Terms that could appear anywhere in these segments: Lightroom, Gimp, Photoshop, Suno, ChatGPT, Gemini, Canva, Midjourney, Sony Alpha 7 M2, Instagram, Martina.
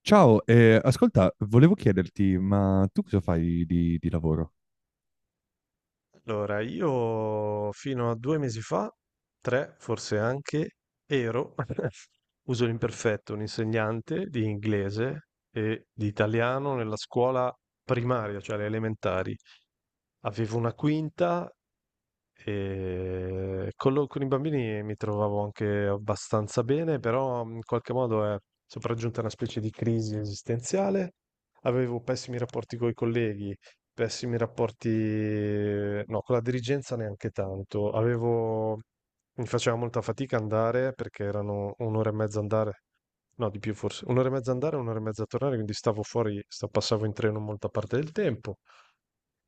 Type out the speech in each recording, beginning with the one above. Ciao, ascolta, volevo chiederti, ma tu cosa fai di lavoro? Allora, io fino a 2 mesi fa, 3 forse anche, ero uso l'imperfetto, un insegnante di inglese e di italiano nella scuola primaria, cioè alle elementari. Avevo una quinta e con i bambini mi trovavo anche abbastanza bene, però in qualche modo è sopraggiunta una specie di crisi esistenziale. Avevo pessimi rapporti coi colleghi, pessimi rapporti, no, con la dirigenza neanche tanto. Avevo, mi faceva molta fatica andare perché erano un'ora e mezza andare, no, di più forse, un'ora e mezza andare, un'ora e mezza tornare, quindi stavo fuori, passavo in treno molta parte del tempo.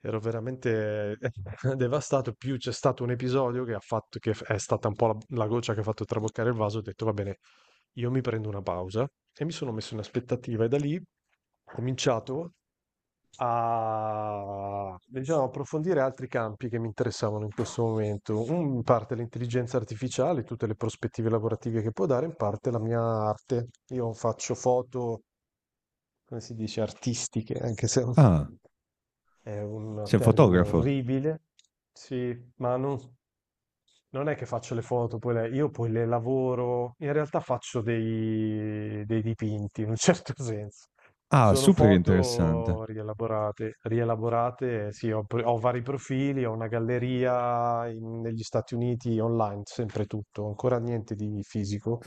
Ero veramente devastato, più c'è stato un episodio che ha fatto è stata un po' la goccia che ha fatto traboccare il vaso, ho detto va bene, io mi prendo una pausa e mi sono messo in aspettativa e da lì ho cominciato a diciamo, approfondire altri campi che mi interessavano in questo momento. In parte l'intelligenza artificiale, tutte le prospettive lavorative che può dare, in parte la mia arte. Io faccio foto, come si dice, artistiche, anche se Ah, è un sei un termine fotografo? orribile, sì, ma non, non è che faccio le foto, io poi le lavoro, in realtà faccio dei dipinti in un certo senso. Ah, Sono super interessante. foto rielaborate, rielaborate, sì, ho, ho vari profili, ho una galleria negli Stati Uniti online, sempre tutto, ancora niente di fisico,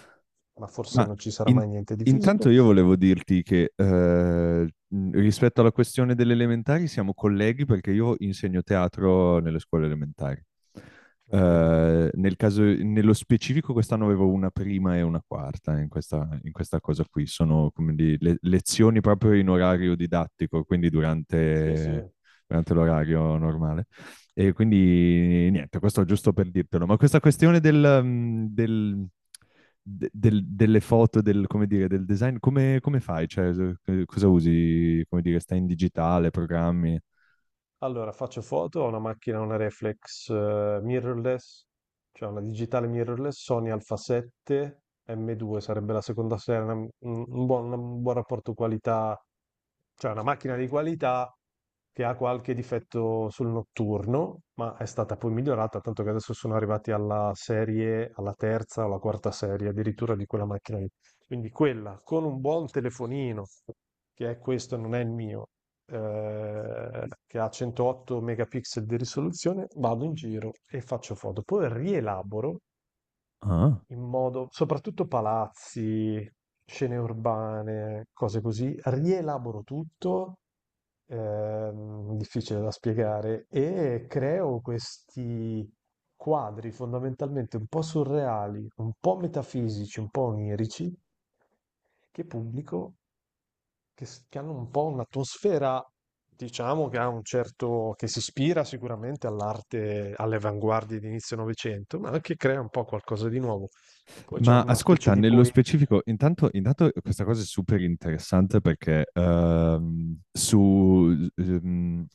ma forse Ma non ci sarà in- mai niente di fisico. intanto io volevo dirti che rispetto alla questione delle elementari siamo colleghi perché io insegno teatro nelle scuole elementari. Ah, vedi. Nel caso, nello specifico quest'anno avevo una prima e una quarta in questa cosa qui. Sono lezioni proprio in orario didattico, quindi Sì, sì. durante l'orario normale. E quindi niente, questo giusto per dirtelo, ma questa questione delle foto, come dire, del design, come fai? Cioè, cosa usi? Come dire, stai in digitale, programmi? Allora, faccio foto, ho una macchina, una reflex mirrorless, cioè una digitale mirrorless, Sony Alpha 7 M2, sarebbe la seconda serie, un buon rapporto qualità, cioè una macchina di qualità che ha qualche difetto sul notturno, ma è stata poi migliorata, tanto che adesso sono arrivati alla serie, alla terza o alla quarta serie addirittura di quella macchina lì. Quindi quella con un buon telefonino, che è questo, non è il mio, che ha 108 megapixel di risoluzione, vado in giro e faccio foto. Poi rielaboro Ah. in modo, soprattutto palazzi, scene urbane, cose così, rielaboro tutto, difficile da spiegare, e creo questi quadri fondamentalmente un po' surreali, un po' metafisici, un po' onirici, che pubblico che, che hanno un po' un'atmosfera, diciamo, che ha un certo, che si ispira sicuramente all'arte, alle avanguardie di inizio Novecento, ma anche crea un po' qualcosa di nuovo. Poi c'è Ma una specie ascolta, di nello poetica. specifico, intanto questa cosa è super interessante perché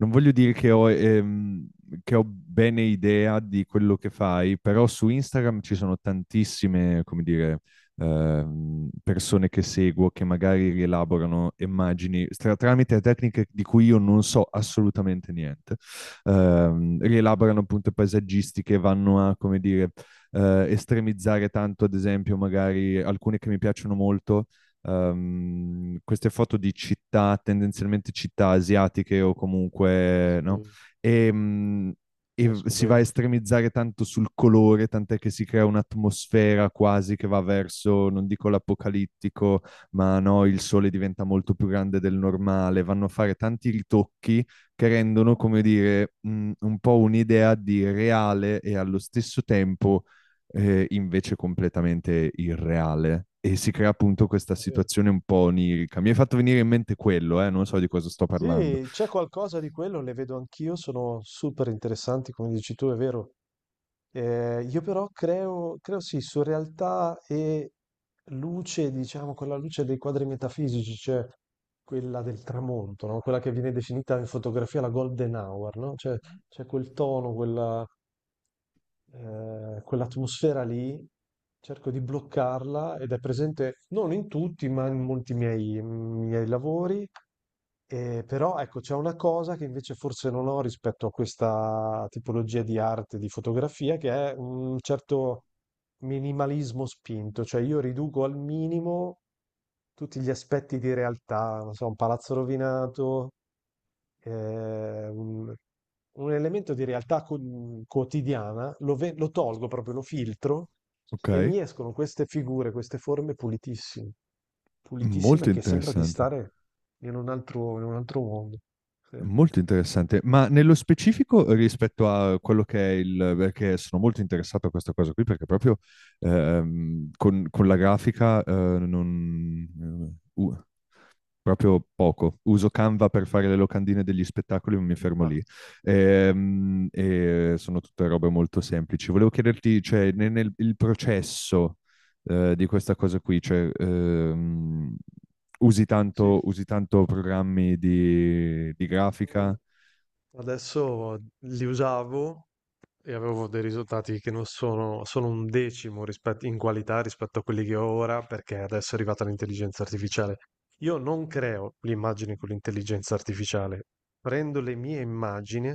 non voglio dire che che ho bene idea di quello che fai, però su Instagram ci sono tantissime, come dire, persone che seguo che magari rielaborano immagini tramite tecniche di cui io non so assolutamente niente. Rielaborano appunto paesaggistiche, vanno a, come dire, estremizzare tanto, ad esempio, magari alcune che mi piacciono molto, queste foto di città, tendenzialmente città asiatiche o comunque, no? Sì, E, mh, e conosco si va a bene. estremizzare tanto sul colore, tant'è che si crea un'atmosfera quasi che va verso, non dico l'apocalittico, ma no, il sole diventa molto più grande del normale, vanno a fare tanti ritocchi che rendono, come dire, un po' un'idea di reale e allo stesso tempo invece completamente irreale. E si crea appunto questa È vero. situazione un po' onirica. Mi hai fatto venire in mente quello, non so di cosa sto parlando. Sì, c'è qualcosa di quello, le vedo anch'io, sono super interessanti, come dici tu, è vero. Io però creo, creo sì, su realtà e luce, diciamo, quella luce dei quadri metafisici, cioè quella del tramonto, no? Quella che viene definita in fotografia la golden hour, no? Cioè c'è quel tono, quella, quell'atmosfera lì, cerco di bloccarla ed è presente non in tutti, ma in molti miei lavori. Però ecco, c'è una cosa che invece forse non ho rispetto a questa tipologia di arte, di fotografia, che è un certo minimalismo spinto, cioè io riduco al minimo tutti gli aspetti di realtà, non so, un palazzo rovinato, ehm, un un elemento di realtà quotidiana, lo, lo tolgo proprio, lo filtro Ok, e mi escono queste figure, queste forme pulitissime, pulitissime molto che sembra di interessante. stare in un altro mondo. Sì. Molto interessante, ma nello specifico rispetto a quello che è il, perché sono molto interessato a questa cosa qui, perché proprio con la grafica non, proprio poco. Uso Canva per fare le locandine degli spettacoli, ma mi fermo Ah, lì. E, sono tutte robe molto semplici. Volevo chiederti, cioè, il processo di questa cosa qui, cioè, sì. Usi tanto programmi di Mm, grafica? adesso li usavo e avevo dei risultati che non sono sono un decimo rispetto in qualità rispetto a quelli che ho ora, perché adesso è arrivata l'intelligenza artificiale. Io non creo le immagini con l'intelligenza artificiale, prendo le mie immagini,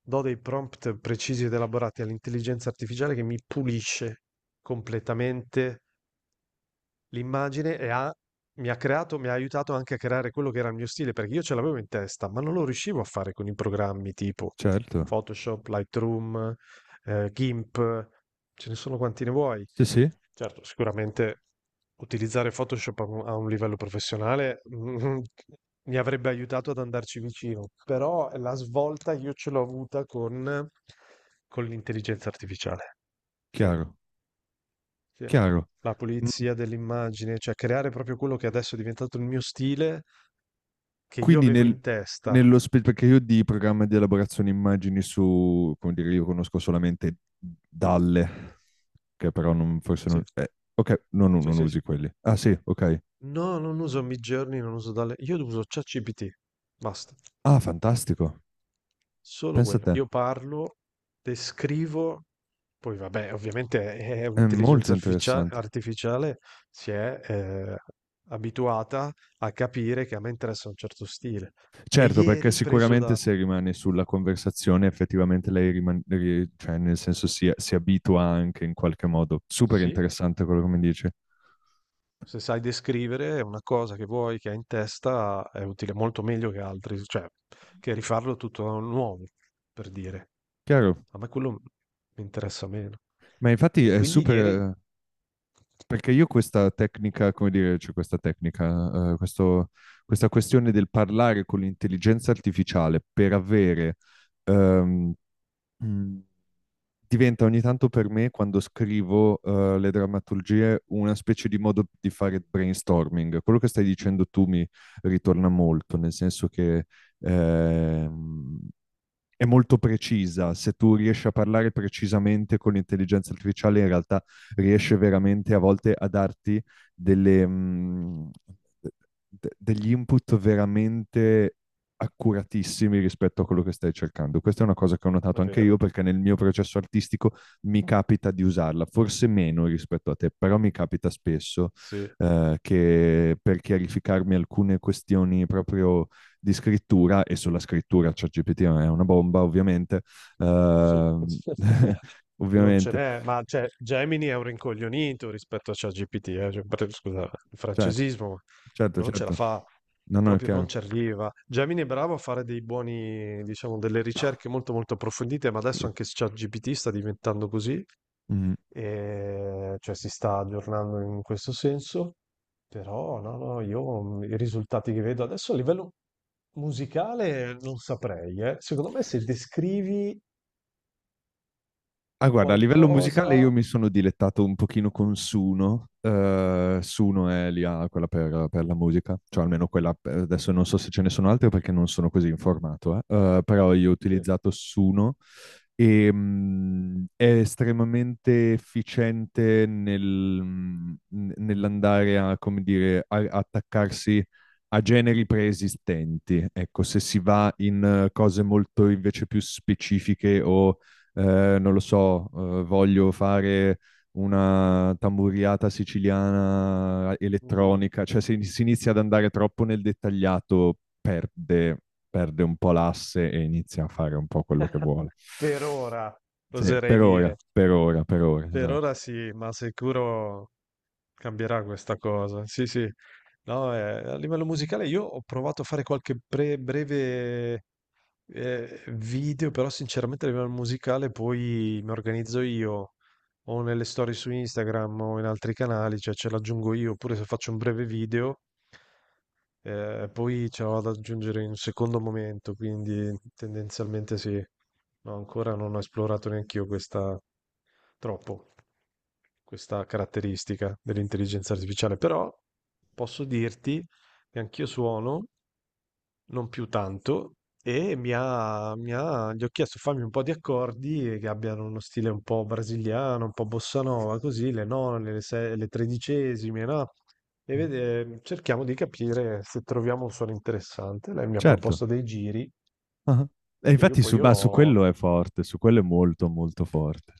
do dei prompt precisi ed elaborati all'intelligenza artificiale che mi pulisce completamente l'immagine e ha mi ha creato mi ha aiutato anche a creare quello che era il mio stile, perché io ce l'avevo in testa, ma non lo riuscivo a fare con i programmi tipo Certo. Photoshop, Lightroom, Gimp, ce ne sono quanti ne vuoi. Sì, sì, Certo, sicuramente utilizzare Photoshop a un livello professionale, mi avrebbe aiutato ad andarci vicino, però la svolta io ce l'ho avuta con l'intelligenza artificiale, sì. chiaro, Sì. chiaro. La pulizia dell'immagine, cioè creare proprio quello che adesso è diventato il mio stile, che io Quindi avevo in testa. Perché io di programma di elaborazione immagini su, come dire, io conosco solamente Dalle, che però non, forse non. Sì, Ok, no, no, sì, non sì, sì. usi quelli. Ah sì, ok. No, non uso Midjourney, non uso Dalle, io uso ChatGPT, basta. Ah, fantastico. Solo Pensa a quello. te. Io parlo, descrivo, poi vabbè, ovviamente è È molto un'intelligenza interessante. artificiale, si è abituata a capire che a me interessa un certo stile. E Certo, perché ieri, preso sicuramente da... se rimane sulla conversazione, effettivamente lei rimane, cioè nel senso si abitua anche in qualche modo. Super Sì, interessante quello che mi dice. se sai descrivere una cosa che vuoi, che hai in testa, è utile molto meglio che altri, cioè che rifarlo tutto da nuovo, per dire. Chiaro. A me quello mi interessa meno. Ma infatti E è quindi super, niente, eh, Perché io questa tecnica, come dire, cioè questa tecnica, questa questione del parlare con l'intelligenza artificiale per avere, ehm, mh, diventa ogni tanto per me, quando scrivo, le drammaturgie, una specie di modo di fare brainstorming. Quello che stai dicendo tu mi ritorna molto, nel senso che ehm, è molto precisa. Se tu riesci a parlare precisamente con l'intelligenza artificiale, in realtà riesce veramente a volte a darti delle, mh, degli input veramente accuratissimi rispetto a quello che stai cercando. Questa è una cosa che ho notato è anche io vero, perché nel mio processo artistico mi capita di usarla, forse meno rispetto a te, però mi capita spesso sì. Che per chiarificarmi alcune questioni proprio di scrittura e sulla scrittura ChatGPT cioè è una bomba ovviamente, Sì. uh, Non ce ovviamente, n'è, ma cioè Gemini è un rincoglionito rispetto a ChatGPT, cioè, scusa, il certo, francesismo, certo, non ce la certo, fa, no, no, è proprio non chiaro. ci arriva. Gemini è bravo a fare dei buoni, diciamo, delle ricerche molto molto approfondite, ma adesso Sì. anche ChatGPT sta diventando così, Mm. e, cioè si sta aggiornando in questo senso, però no, no, io i risultati che vedo adesso a livello musicale non saprei, eh. Secondo me se descrivi Ah, guarda, a livello qualcosa. musicale io mi sono dilettato un pochino con Suno. Suno è lì, ah, quella per la musica, cioè almeno quella, adesso non so se ce ne sono altre perché non sono così informato, eh. Però io ho Sì. utilizzato Suno e è estremamente efficiente nell'andare a, come dire, attaccarsi a generi preesistenti. Ecco, se si va in cose molto invece più specifiche o non lo so, voglio fare una tamburiata siciliana Mh-mh. elettronica, cioè se si inizia ad andare troppo nel dettagliato perde un po' l'asse e inizia a fare un po' quello che vuole. Per ora, Sì, oserei per dire. ora, per ora, per ora, Per esatto. ora sì, ma sicuro cambierà questa cosa. Sì, sì. No, a livello musicale io ho provato a fare qualche pre breve, video, però sinceramente a livello musicale poi mi organizzo io, o nelle storie su Instagram o in altri canali, cioè ce l'aggiungo io, oppure se faccio un breve video, eh, poi ce l'ho da aggiungere in un secondo momento, quindi tendenzialmente sì. No, ancora non ho esplorato neanch'io questa troppo, questa caratteristica dell'intelligenza artificiale, però posso dirti che anch'io suono, non più tanto, e gli ho chiesto fammi un po' di accordi che abbiano uno stile un po' brasiliano, un po' bossa nova, così, le none, le tredicesime, no? E cerchiamo di capire se troviamo un suono interessante. Lei mi ha Certo. proposto dei giri Ah. E che io infatti su, poi bah, su ho quello è forte, su quello è molto molto forte.